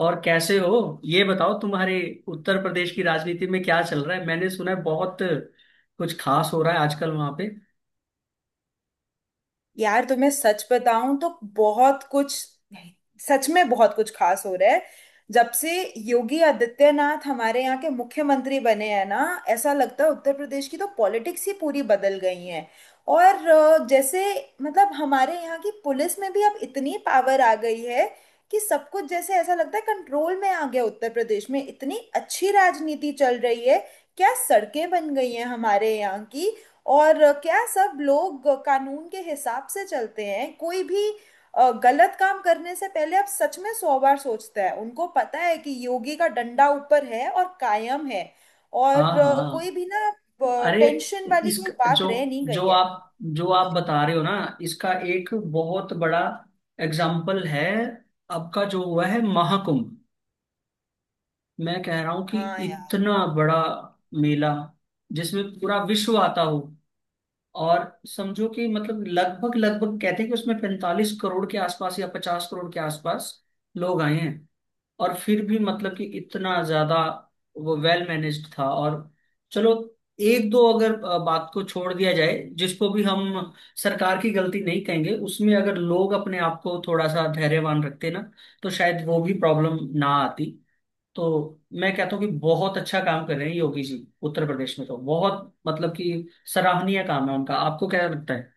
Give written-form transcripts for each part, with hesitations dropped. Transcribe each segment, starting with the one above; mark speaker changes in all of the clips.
Speaker 1: और कैसे हो, ये बताओ, तुम्हारे उत्तर प्रदेश की राजनीति में क्या चल रहा है। मैंने सुना है बहुत कुछ खास हो रहा है आजकल वहां पे।
Speaker 2: यार तुम्हें सच बताऊं तो बहुत कुछ सच में बहुत कुछ खास हो रहा है। जब से योगी आदित्यनाथ हमारे यहाँ के मुख्यमंत्री बने हैं ना, ऐसा लगता है उत्तर प्रदेश की तो पॉलिटिक्स ही पूरी बदल गई है। और जैसे मतलब हमारे यहाँ की पुलिस में भी अब इतनी पावर आ गई है कि सब कुछ जैसे ऐसा लगता है कंट्रोल में आ गया। उत्तर प्रदेश में इतनी अच्छी राजनीति चल रही है। क्या सड़कें बन गई हैं हमारे यहाँ की। और क्या सब लोग कानून के हिसाब से चलते हैं। कोई भी गलत काम करने से पहले अब सच में सौ बार सोचता है। उनको पता है कि योगी का डंडा ऊपर है और कायम है।
Speaker 1: हाँ,
Speaker 2: और कोई
Speaker 1: हाँ।
Speaker 2: भी ना
Speaker 1: अरे,
Speaker 2: टेंशन वाली
Speaker 1: इस
Speaker 2: कोई बात
Speaker 1: जो
Speaker 2: रह नहीं गई
Speaker 1: जो
Speaker 2: है।
Speaker 1: आप जो आप बता रहे हो ना, इसका एक बहुत बड़ा एग्जाम्पल है आपका जो हुआ है महाकुंभ। मैं कह रहा हूँ कि
Speaker 2: हाँ,
Speaker 1: इतना बड़ा मेला, जिसमें पूरा विश्व आता हो, और समझो कि मतलब लगभग लगभग कहते हैं कि उसमें 45 करोड़ के आसपास या 50 करोड़ के आसपास लोग आए हैं। और फिर भी मतलब कि इतना ज्यादा वो वेल मैनेज्ड था। और चलो, एक दो अगर बात को छोड़ दिया जाए, जिसको भी हम सरकार की गलती नहीं कहेंगे, उसमें अगर लोग अपने आप को थोड़ा सा धैर्यवान रखते ना, तो शायद वो भी प्रॉब्लम ना आती। तो मैं कहता हूँ कि बहुत अच्छा काम कर रहे हैं योगी जी, उत्तर प्रदेश में। तो बहुत मतलब कि सराहनीय काम है उनका। आपको क्या लगता है?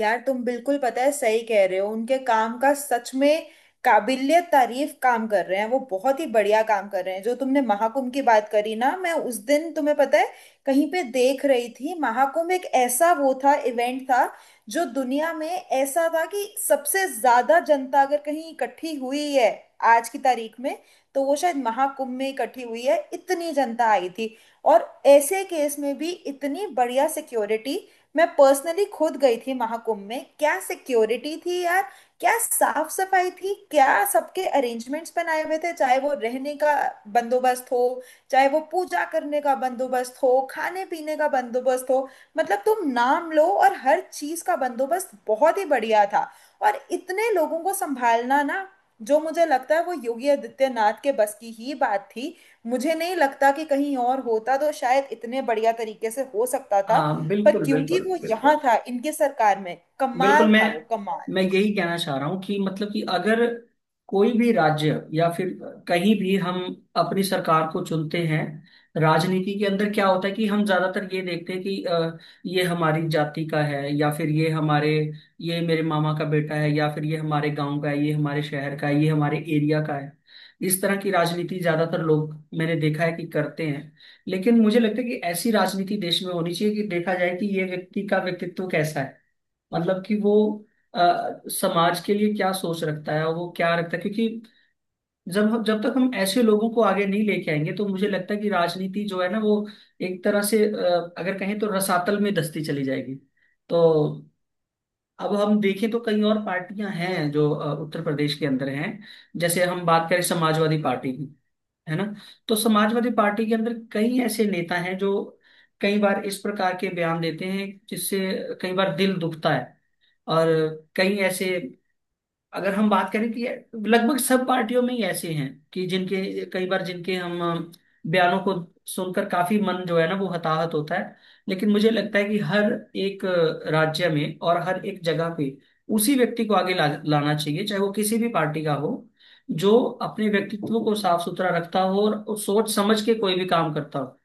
Speaker 2: यार तुम बिल्कुल पता है सही कह रहे हो। उनके काम का सच में काबिलियत तारीफ। काम कर रहे हैं वो बहुत ही बढ़िया काम कर रहे हैं। जो तुमने महाकुंभ की बात करी ना, मैं उस दिन तुम्हें पता है कहीं पे देख रही थी, महाकुंभ एक ऐसा वो था इवेंट था जो दुनिया में ऐसा था कि सबसे ज्यादा जनता अगर कहीं इकट्ठी हुई है आज की तारीख में, तो वो शायद महाकुंभ में इकट्ठी हुई है। इतनी जनता आई थी और ऐसे केस में भी इतनी बढ़िया सिक्योरिटी। मैं पर्सनली खुद गई थी महाकुंभ में, क्या सिक्योरिटी थी यार, क्या साफ सफाई थी, क्या सबके अरेंजमेंट्स बनाए हुए थे। चाहे वो रहने का बंदोबस्त हो, चाहे वो पूजा करने का बंदोबस्त हो, खाने पीने का बंदोबस्त हो, मतलब तुम नाम लो और हर चीज का बंदोबस्त बहुत ही बढ़िया था। और इतने लोगों को संभालना ना, जो मुझे लगता है वो योगी आदित्यनाथ के बस की ही बात थी। मुझे नहीं लगता कि कहीं और होता तो शायद इतने बढ़िया तरीके से हो सकता था।
Speaker 1: हाँ,
Speaker 2: पर
Speaker 1: बिल्कुल,
Speaker 2: क्योंकि
Speaker 1: बिल्कुल,
Speaker 2: वो यहाँ
Speaker 1: बिल्कुल।
Speaker 2: था इनके सरकार में,
Speaker 1: बिल्कुल
Speaker 2: कमाल
Speaker 1: मैं
Speaker 2: था वो, कमाल।
Speaker 1: मैं यही कहना चाह रहा हूँ कि मतलब कि अगर कोई भी राज्य या फिर कहीं भी हम अपनी सरकार को चुनते हैं, राजनीति के अंदर क्या होता है कि हम ज्यादातर ये देखते हैं कि ये हमारी जाति का है, या फिर ये मेरे मामा का बेटा है, या फिर ये हमारे गांव का है, ये हमारे शहर का है, ये हमारे एरिया का है। इस तरह की राजनीति ज्यादातर लोग, मैंने देखा है कि, करते हैं। लेकिन मुझे लगता है कि ऐसी राजनीति देश में होनी चाहिए कि देखा जाए कि ये व्यक्ति का व्यक्तित्व कैसा है। मतलब कि वो आ, समाज के लिए क्या सोच रखता है और वो क्या रखता है, क्योंकि जब जब तक हम ऐसे लोगों को आगे नहीं लेके आएंगे, तो मुझे लगता है कि राजनीति जो है ना वो एक तरह से, अगर कहें तो, रसातल में धंसती चली जाएगी। तो अब हम देखें तो कई और पार्टियां हैं जो उत्तर प्रदेश के अंदर हैं। जैसे हम बात करें समाजवादी पार्टी की, है ना, तो समाजवादी पार्टी के अंदर कई ऐसे नेता हैं जो कई बार इस प्रकार के बयान देते हैं, जिससे कई बार दिल दुखता है। और कई ऐसे, अगर हम बात करें कि लगभग सब पार्टियों में ही ऐसे हैं कि जिनके कई बार जिनके हम अ, बयानों को सुनकर काफी मन जो है ना वो हताहत होता है। लेकिन मुझे लगता है कि हर एक राज्य में और हर एक जगह पे उसी व्यक्ति को आगे लाना चाहिए, चाहे वो किसी भी पार्टी का हो, जो अपने व्यक्तित्व को साफ सुथरा रखता हो और सोच समझ के कोई भी काम करता हो।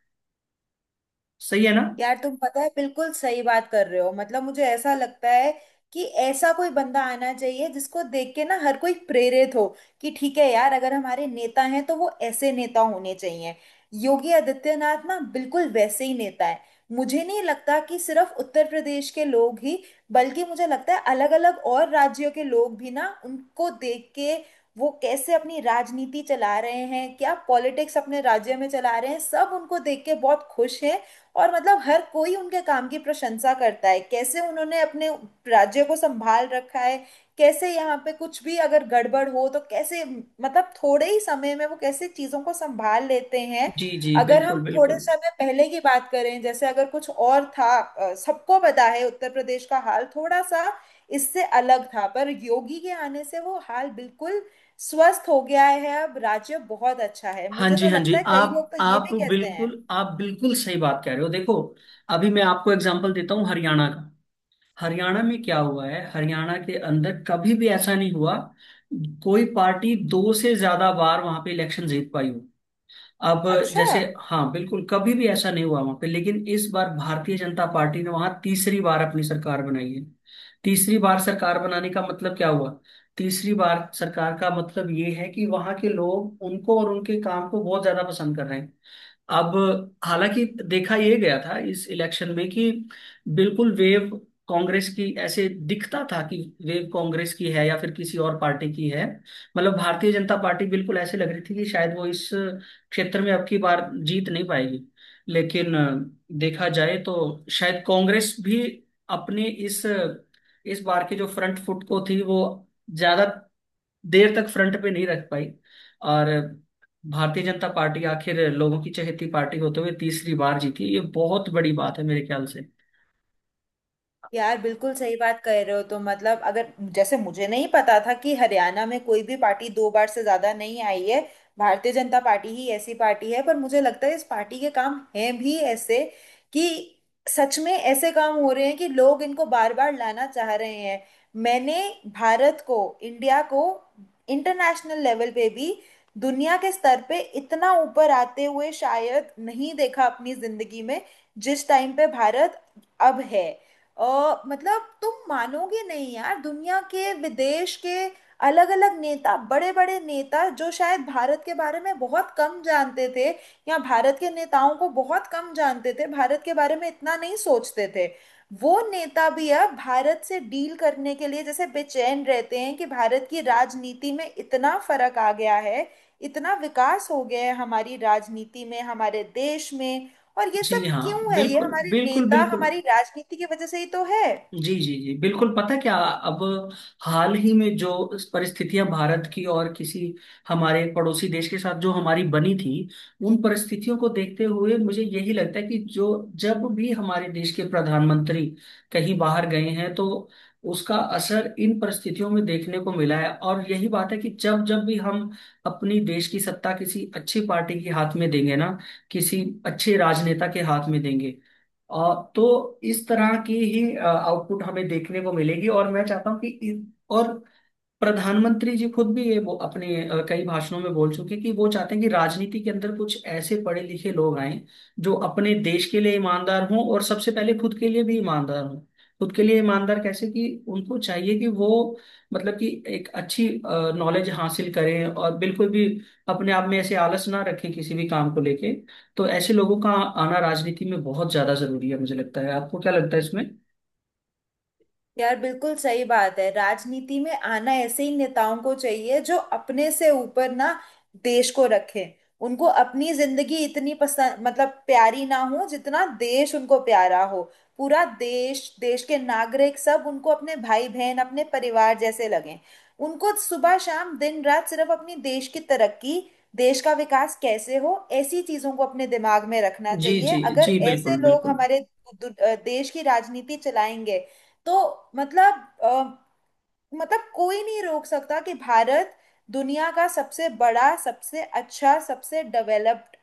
Speaker 1: सही है ना?
Speaker 2: यार तुम पता है बिल्कुल सही बात कर रहे हो। मतलब मुझे ऐसा लगता है कि ऐसा कोई बंदा आना चाहिए जिसको देख के ना हर कोई प्रेरित हो कि ठीक है यार अगर हमारे नेता हैं तो वो ऐसे नेता होने चाहिए। योगी आदित्यनाथ ना बिल्कुल वैसे ही नेता है। मुझे नहीं लगता कि सिर्फ उत्तर प्रदेश के लोग ही, बल्कि मुझे लगता है अलग अलग और राज्यों के लोग भी ना उनको देख के वो कैसे अपनी राजनीति चला रहे हैं, क्या पॉलिटिक्स अपने राज्य में चला रहे हैं, सब उनको देख के बहुत खुश हैं। और मतलब हर कोई उनके काम की प्रशंसा करता है कैसे उन्होंने अपने राज्य को संभाल रखा है, कैसे यहाँ पे कुछ भी अगर गड़बड़ हो तो कैसे मतलब थोड़े ही समय में वो कैसे चीजों को संभाल लेते हैं।
Speaker 1: जी, जी,
Speaker 2: अगर
Speaker 1: बिल्कुल,
Speaker 2: हम थोड़े
Speaker 1: बिल्कुल।
Speaker 2: समय पहले की बात करें, जैसे अगर कुछ और था, सबको पता है उत्तर प्रदेश का हाल थोड़ा सा इससे अलग था, पर योगी के आने से वो हाल बिल्कुल स्वस्थ हो गया है। अब राज्य बहुत अच्छा है।
Speaker 1: हाँ
Speaker 2: मुझे
Speaker 1: जी,
Speaker 2: तो
Speaker 1: हाँ
Speaker 2: लगता
Speaker 1: जी,
Speaker 2: है कई लोग
Speaker 1: आप
Speaker 2: तो ये
Speaker 1: आप
Speaker 2: भी कहते
Speaker 1: बिल्कुल
Speaker 2: हैं।
Speaker 1: आप बिल्कुल सही बात कह रहे हो। देखो, अभी मैं आपको एग्जांपल देता हूँ हरियाणा का। हरियाणा में क्या हुआ है, हरियाणा के अंदर कभी भी ऐसा नहीं हुआ कोई पार्टी दो से ज्यादा बार वहां पे इलेक्शन जीत पाई हो। अब
Speaker 2: अच्छा।
Speaker 1: जैसे, हाँ, बिल्कुल, कभी भी ऐसा नहीं हुआ वहां पे, लेकिन इस बार भारतीय जनता पार्टी ने वहां तीसरी बार अपनी सरकार बनाई है। तीसरी बार सरकार बनाने का मतलब क्या हुआ? तीसरी बार सरकार का मतलब ये है कि वहां के लोग उनको और उनके काम को बहुत ज्यादा पसंद कर रहे हैं। अब हालांकि देखा ये गया था इस इलेक्शन में कि बिल्कुल वेव कांग्रेस की, ऐसे दिखता था कि वेव कांग्रेस की है या फिर किसी और पार्टी की है। मतलब भारतीय जनता पार्टी बिल्कुल ऐसे लग रही थी कि शायद वो इस क्षेत्र में अब की बार जीत नहीं पाएगी। लेकिन देखा जाए तो शायद कांग्रेस भी अपने इस बार के जो फ्रंट फुट को थी, वो ज्यादा देर तक फ्रंट पे नहीं रख पाई, और भारतीय जनता पार्टी आखिर लोगों की चहेती पार्टी होते हुए तीसरी बार जीती। ये बहुत बड़ी बात है मेरे ख्याल से।
Speaker 2: यार बिल्कुल सही बात कह रहे हो तो। मतलब अगर, जैसे मुझे नहीं पता था कि हरियाणा में कोई भी पार्टी दो बार से ज्यादा नहीं आई है, भारतीय जनता पार्टी ही ऐसी पार्टी है। पर मुझे लगता है इस पार्टी के काम हैं भी ऐसे कि सच में ऐसे काम हो रहे हैं कि लोग इनको बार बार लाना चाह रहे हैं। मैंने भारत को, इंडिया को इंटरनेशनल लेवल पे भी, दुनिया के स्तर पे इतना ऊपर आते हुए शायद नहीं देखा अपनी जिंदगी में जिस टाइम पे भारत अब है। मतलब तुम मानोगे नहीं यार, दुनिया के विदेश के अलग अलग नेता, बड़े बड़े नेता, जो शायद भारत के बारे में बहुत कम जानते थे या भारत के नेताओं को बहुत कम जानते थे, भारत के बारे में इतना नहीं सोचते थे, वो नेता भी अब भारत से डील करने के लिए जैसे बेचैन रहते हैं कि भारत की राजनीति में इतना फर्क आ गया है, इतना विकास हो गया है हमारी राजनीति में, हमारे देश में। और ये
Speaker 1: जी
Speaker 2: सब
Speaker 1: हाँ,
Speaker 2: क्यों है? ये
Speaker 1: बिल्कुल,
Speaker 2: हमारे
Speaker 1: बिल्कुल,
Speaker 2: नेता,
Speaker 1: बिल्कुल।
Speaker 2: हमारी राजनीति की वजह से ही तो है।
Speaker 1: जी, जी, जी, बिल्कुल। पता क्या, अब हाल ही में जो परिस्थितियां भारत की और किसी हमारे पड़ोसी देश के साथ जो हमारी बनी थी, उन परिस्थितियों को देखते हुए मुझे यही लगता है कि जो जब भी हमारे देश के प्रधानमंत्री कहीं बाहर गए हैं, तो उसका असर इन परिस्थितियों में देखने को मिला है। और यही बात है कि जब जब भी हम अपनी देश की सत्ता किसी अच्छी पार्टी के हाथ में देंगे ना, किसी अच्छे राजनेता के हाथ में देंगे, तो इस तरह की ही आउटपुट हमें देखने को मिलेगी। और मैं चाहता हूँ कि और प्रधानमंत्री जी खुद भी ये वो अपने कई भाषणों में बोल चुके कि वो चाहते हैं कि राजनीति के अंदर कुछ ऐसे पढ़े लिखे लोग आए जो अपने देश के लिए ईमानदार हों और सबसे पहले खुद के लिए भी ईमानदार हों। खुद के लिए ईमानदार कैसे, कि उनको चाहिए कि वो मतलब कि एक अच्छी नॉलेज हासिल करें और बिल्कुल भी अपने आप में ऐसे आलस ना रखें किसी भी काम को लेके। तो ऐसे लोगों का आना राजनीति में बहुत ज्यादा जरूरी है मुझे लगता है। आपको क्या लगता है इसमें?
Speaker 2: यार बिल्कुल सही बात है। राजनीति में आना ऐसे ही नेताओं को चाहिए जो अपने से ऊपर ना देश को रखें। उनको अपनी जिंदगी इतनी पसंद, मतलब प्यारी ना हो जितना देश उनको प्यारा हो। पूरा देश, देश के नागरिक सब उनको अपने भाई बहन, अपने परिवार जैसे लगें। उनको सुबह शाम दिन रात सिर्फ अपनी देश की तरक्की, देश का विकास कैसे हो, ऐसी चीजों को अपने दिमाग में रखना
Speaker 1: जी,
Speaker 2: चाहिए।
Speaker 1: जी,
Speaker 2: अगर
Speaker 1: जी,
Speaker 2: ऐसे
Speaker 1: बिल्कुल,
Speaker 2: लोग
Speaker 1: बिल्कुल।
Speaker 2: हमारे दु- दु- देश की राजनीति चलाएंगे तो मतलब अ, मतलब कोई नहीं रोक सकता कि भारत दुनिया का सबसे बड़ा, सबसे अच्छा, सबसे डेवलप्ड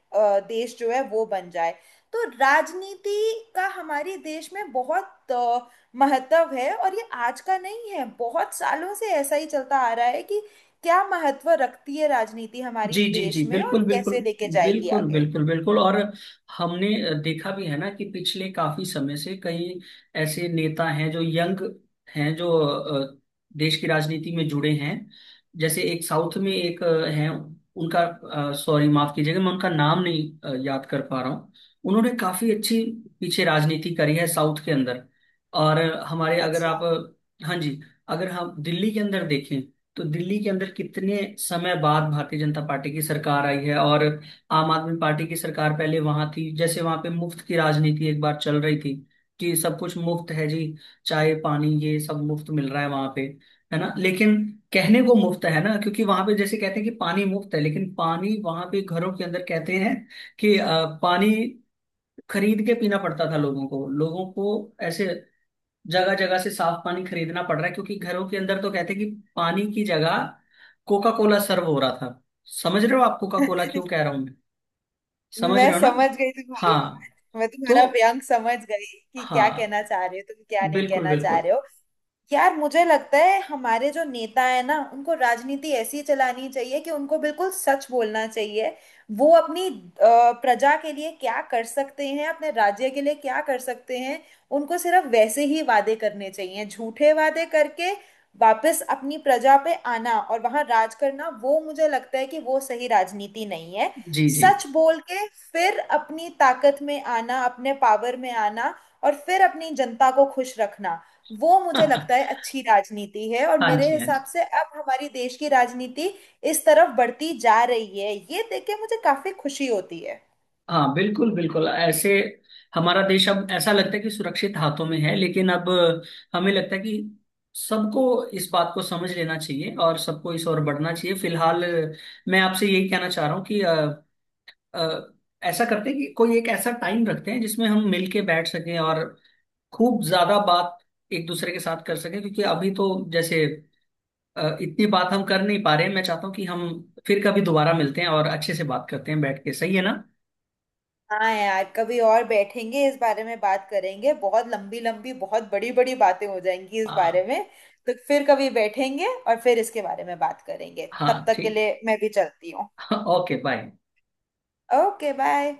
Speaker 2: देश जो है वो बन जाए। तो राजनीति का हमारे देश में बहुत महत्व है। और ये आज का नहीं है, बहुत सालों से ऐसा ही चलता आ रहा है कि क्या महत्व रखती है राजनीति हमारी
Speaker 1: जी, जी, जी,
Speaker 2: देश में
Speaker 1: बिल्कुल,
Speaker 2: और
Speaker 1: बिल्कुल,
Speaker 2: कैसे लेके जाएगी
Speaker 1: बिल्कुल।
Speaker 2: आगे।
Speaker 1: बिल्कुल, बिल्कुल, और हमने देखा भी है ना कि पिछले काफी समय से कई ऐसे नेता हैं जो यंग हैं, जो देश की राजनीति में जुड़े हैं। जैसे एक साउथ में एक हैं, उनका, सॉरी, माफ कीजिएगा, मैं उनका नाम नहीं याद कर पा रहा हूँ। उन्होंने काफी अच्छी पीछे राजनीति करी है साउथ के अंदर। और हमारे, अगर आप,
Speaker 2: अच्छा।
Speaker 1: हाँ जी, अगर हम दिल्ली के अंदर देखें, तो दिल्ली के अंदर कितने समय बाद भारतीय जनता पार्टी की सरकार आई है। और आम आदमी पार्टी की सरकार पहले वहां थी, जैसे वहां पे मुफ्त की राजनीति एक बार चल रही थी कि सब कुछ मुफ्त है जी। चाय पानी ये सब मुफ्त मिल रहा है वहां पे, है ना? लेकिन कहने को मुफ्त है ना, क्योंकि वहां पे जैसे कहते हैं कि पानी मुफ्त है, लेकिन पानी वहां पे घरों के अंदर कहते हैं कि पानी खरीद के पीना पड़ता था लोगों को। लोगों को ऐसे जगह जगह से साफ पानी खरीदना पड़ रहा है, क्योंकि घरों के अंदर तो कहते हैं कि पानी की जगह कोका कोला सर्व हो रहा था। समझ रहे हो आप कोका कोला क्यों कह रहा हूं मैं? समझ रहे
Speaker 2: मैं
Speaker 1: हो ना?
Speaker 2: समझ गई तुम्हारी,
Speaker 1: हाँ,
Speaker 2: मैं
Speaker 1: तो,
Speaker 2: तुम्हारा व्यंग समझ गई कि क्या
Speaker 1: हाँ,
Speaker 2: कहना चाह रहे हो तुम, क्या नहीं
Speaker 1: बिल्कुल,
Speaker 2: कहना चाह
Speaker 1: बिल्कुल।
Speaker 2: रहे हो। यार मुझे लगता है हमारे जो नेता है ना, उनको राजनीति ऐसी चलानी चाहिए कि उनको बिल्कुल सच बोलना चाहिए। वो अपनी प्रजा के लिए क्या कर सकते हैं, अपने राज्य के लिए क्या कर सकते हैं। उनको सिर्फ वैसे ही वादे करने चाहिए, झूठे वादे करके वापस अपनी प्रजा पे आना और वहां राज करना, वो मुझे लगता है कि वो सही राजनीति नहीं है।
Speaker 1: जी, जी।
Speaker 2: सच बोल के फिर अपनी ताकत में आना, अपने पावर में आना और फिर अपनी जनता को खुश रखना, वो मुझे
Speaker 1: हाँ
Speaker 2: लगता है अच्छी राजनीति है। और
Speaker 1: जी, हाँ
Speaker 2: मेरे
Speaker 1: जी,
Speaker 2: हिसाब से अब हमारी देश की राजनीति इस तरफ बढ़ती जा रही है, ये देख के मुझे काफी खुशी होती है।
Speaker 1: हाँ, बिल्कुल, बिल्कुल। ऐसे हमारा देश अब ऐसा लगता है कि सुरक्षित हाथों में है। लेकिन अब हमें लगता है कि सबको इस बात को समझ लेना चाहिए और सबको इस ओर बढ़ना चाहिए। फिलहाल मैं आपसे यही कहना चाह रहा हूँ कि अ, ऐसा करते हैं कि कोई एक ऐसा टाइम रखते हैं जिसमें हम मिल के बैठ सकें और खूब ज्यादा बात एक दूसरे के साथ कर सकें, क्योंकि अभी तो जैसे इतनी बात हम कर नहीं पा रहे हैं। मैं चाहता हूँ कि हम फिर कभी दोबारा मिलते हैं और अच्छे से बात करते हैं बैठ के। सही है ना?
Speaker 2: हाँ, यार कभी और बैठेंगे, इस बारे में बात करेंगे। बहुत लंबी लंबी, बहुत बड़ी बड़ी बातें हो जाएंगी इस बारे
Speaker 1: हाँ,
Speaker 2: में। तो फिर कभी बैठेंगे और फिर इसके बारे में बात करेंगे। तब
Speaker 1: हाँ,
Speaker 2: तक के
Speaker 1: ठीक।
Speaker 2: लिए मैं भी चलती हूँ।
Speaker 1: Okay, bye.
Speaker 2: Okay bye.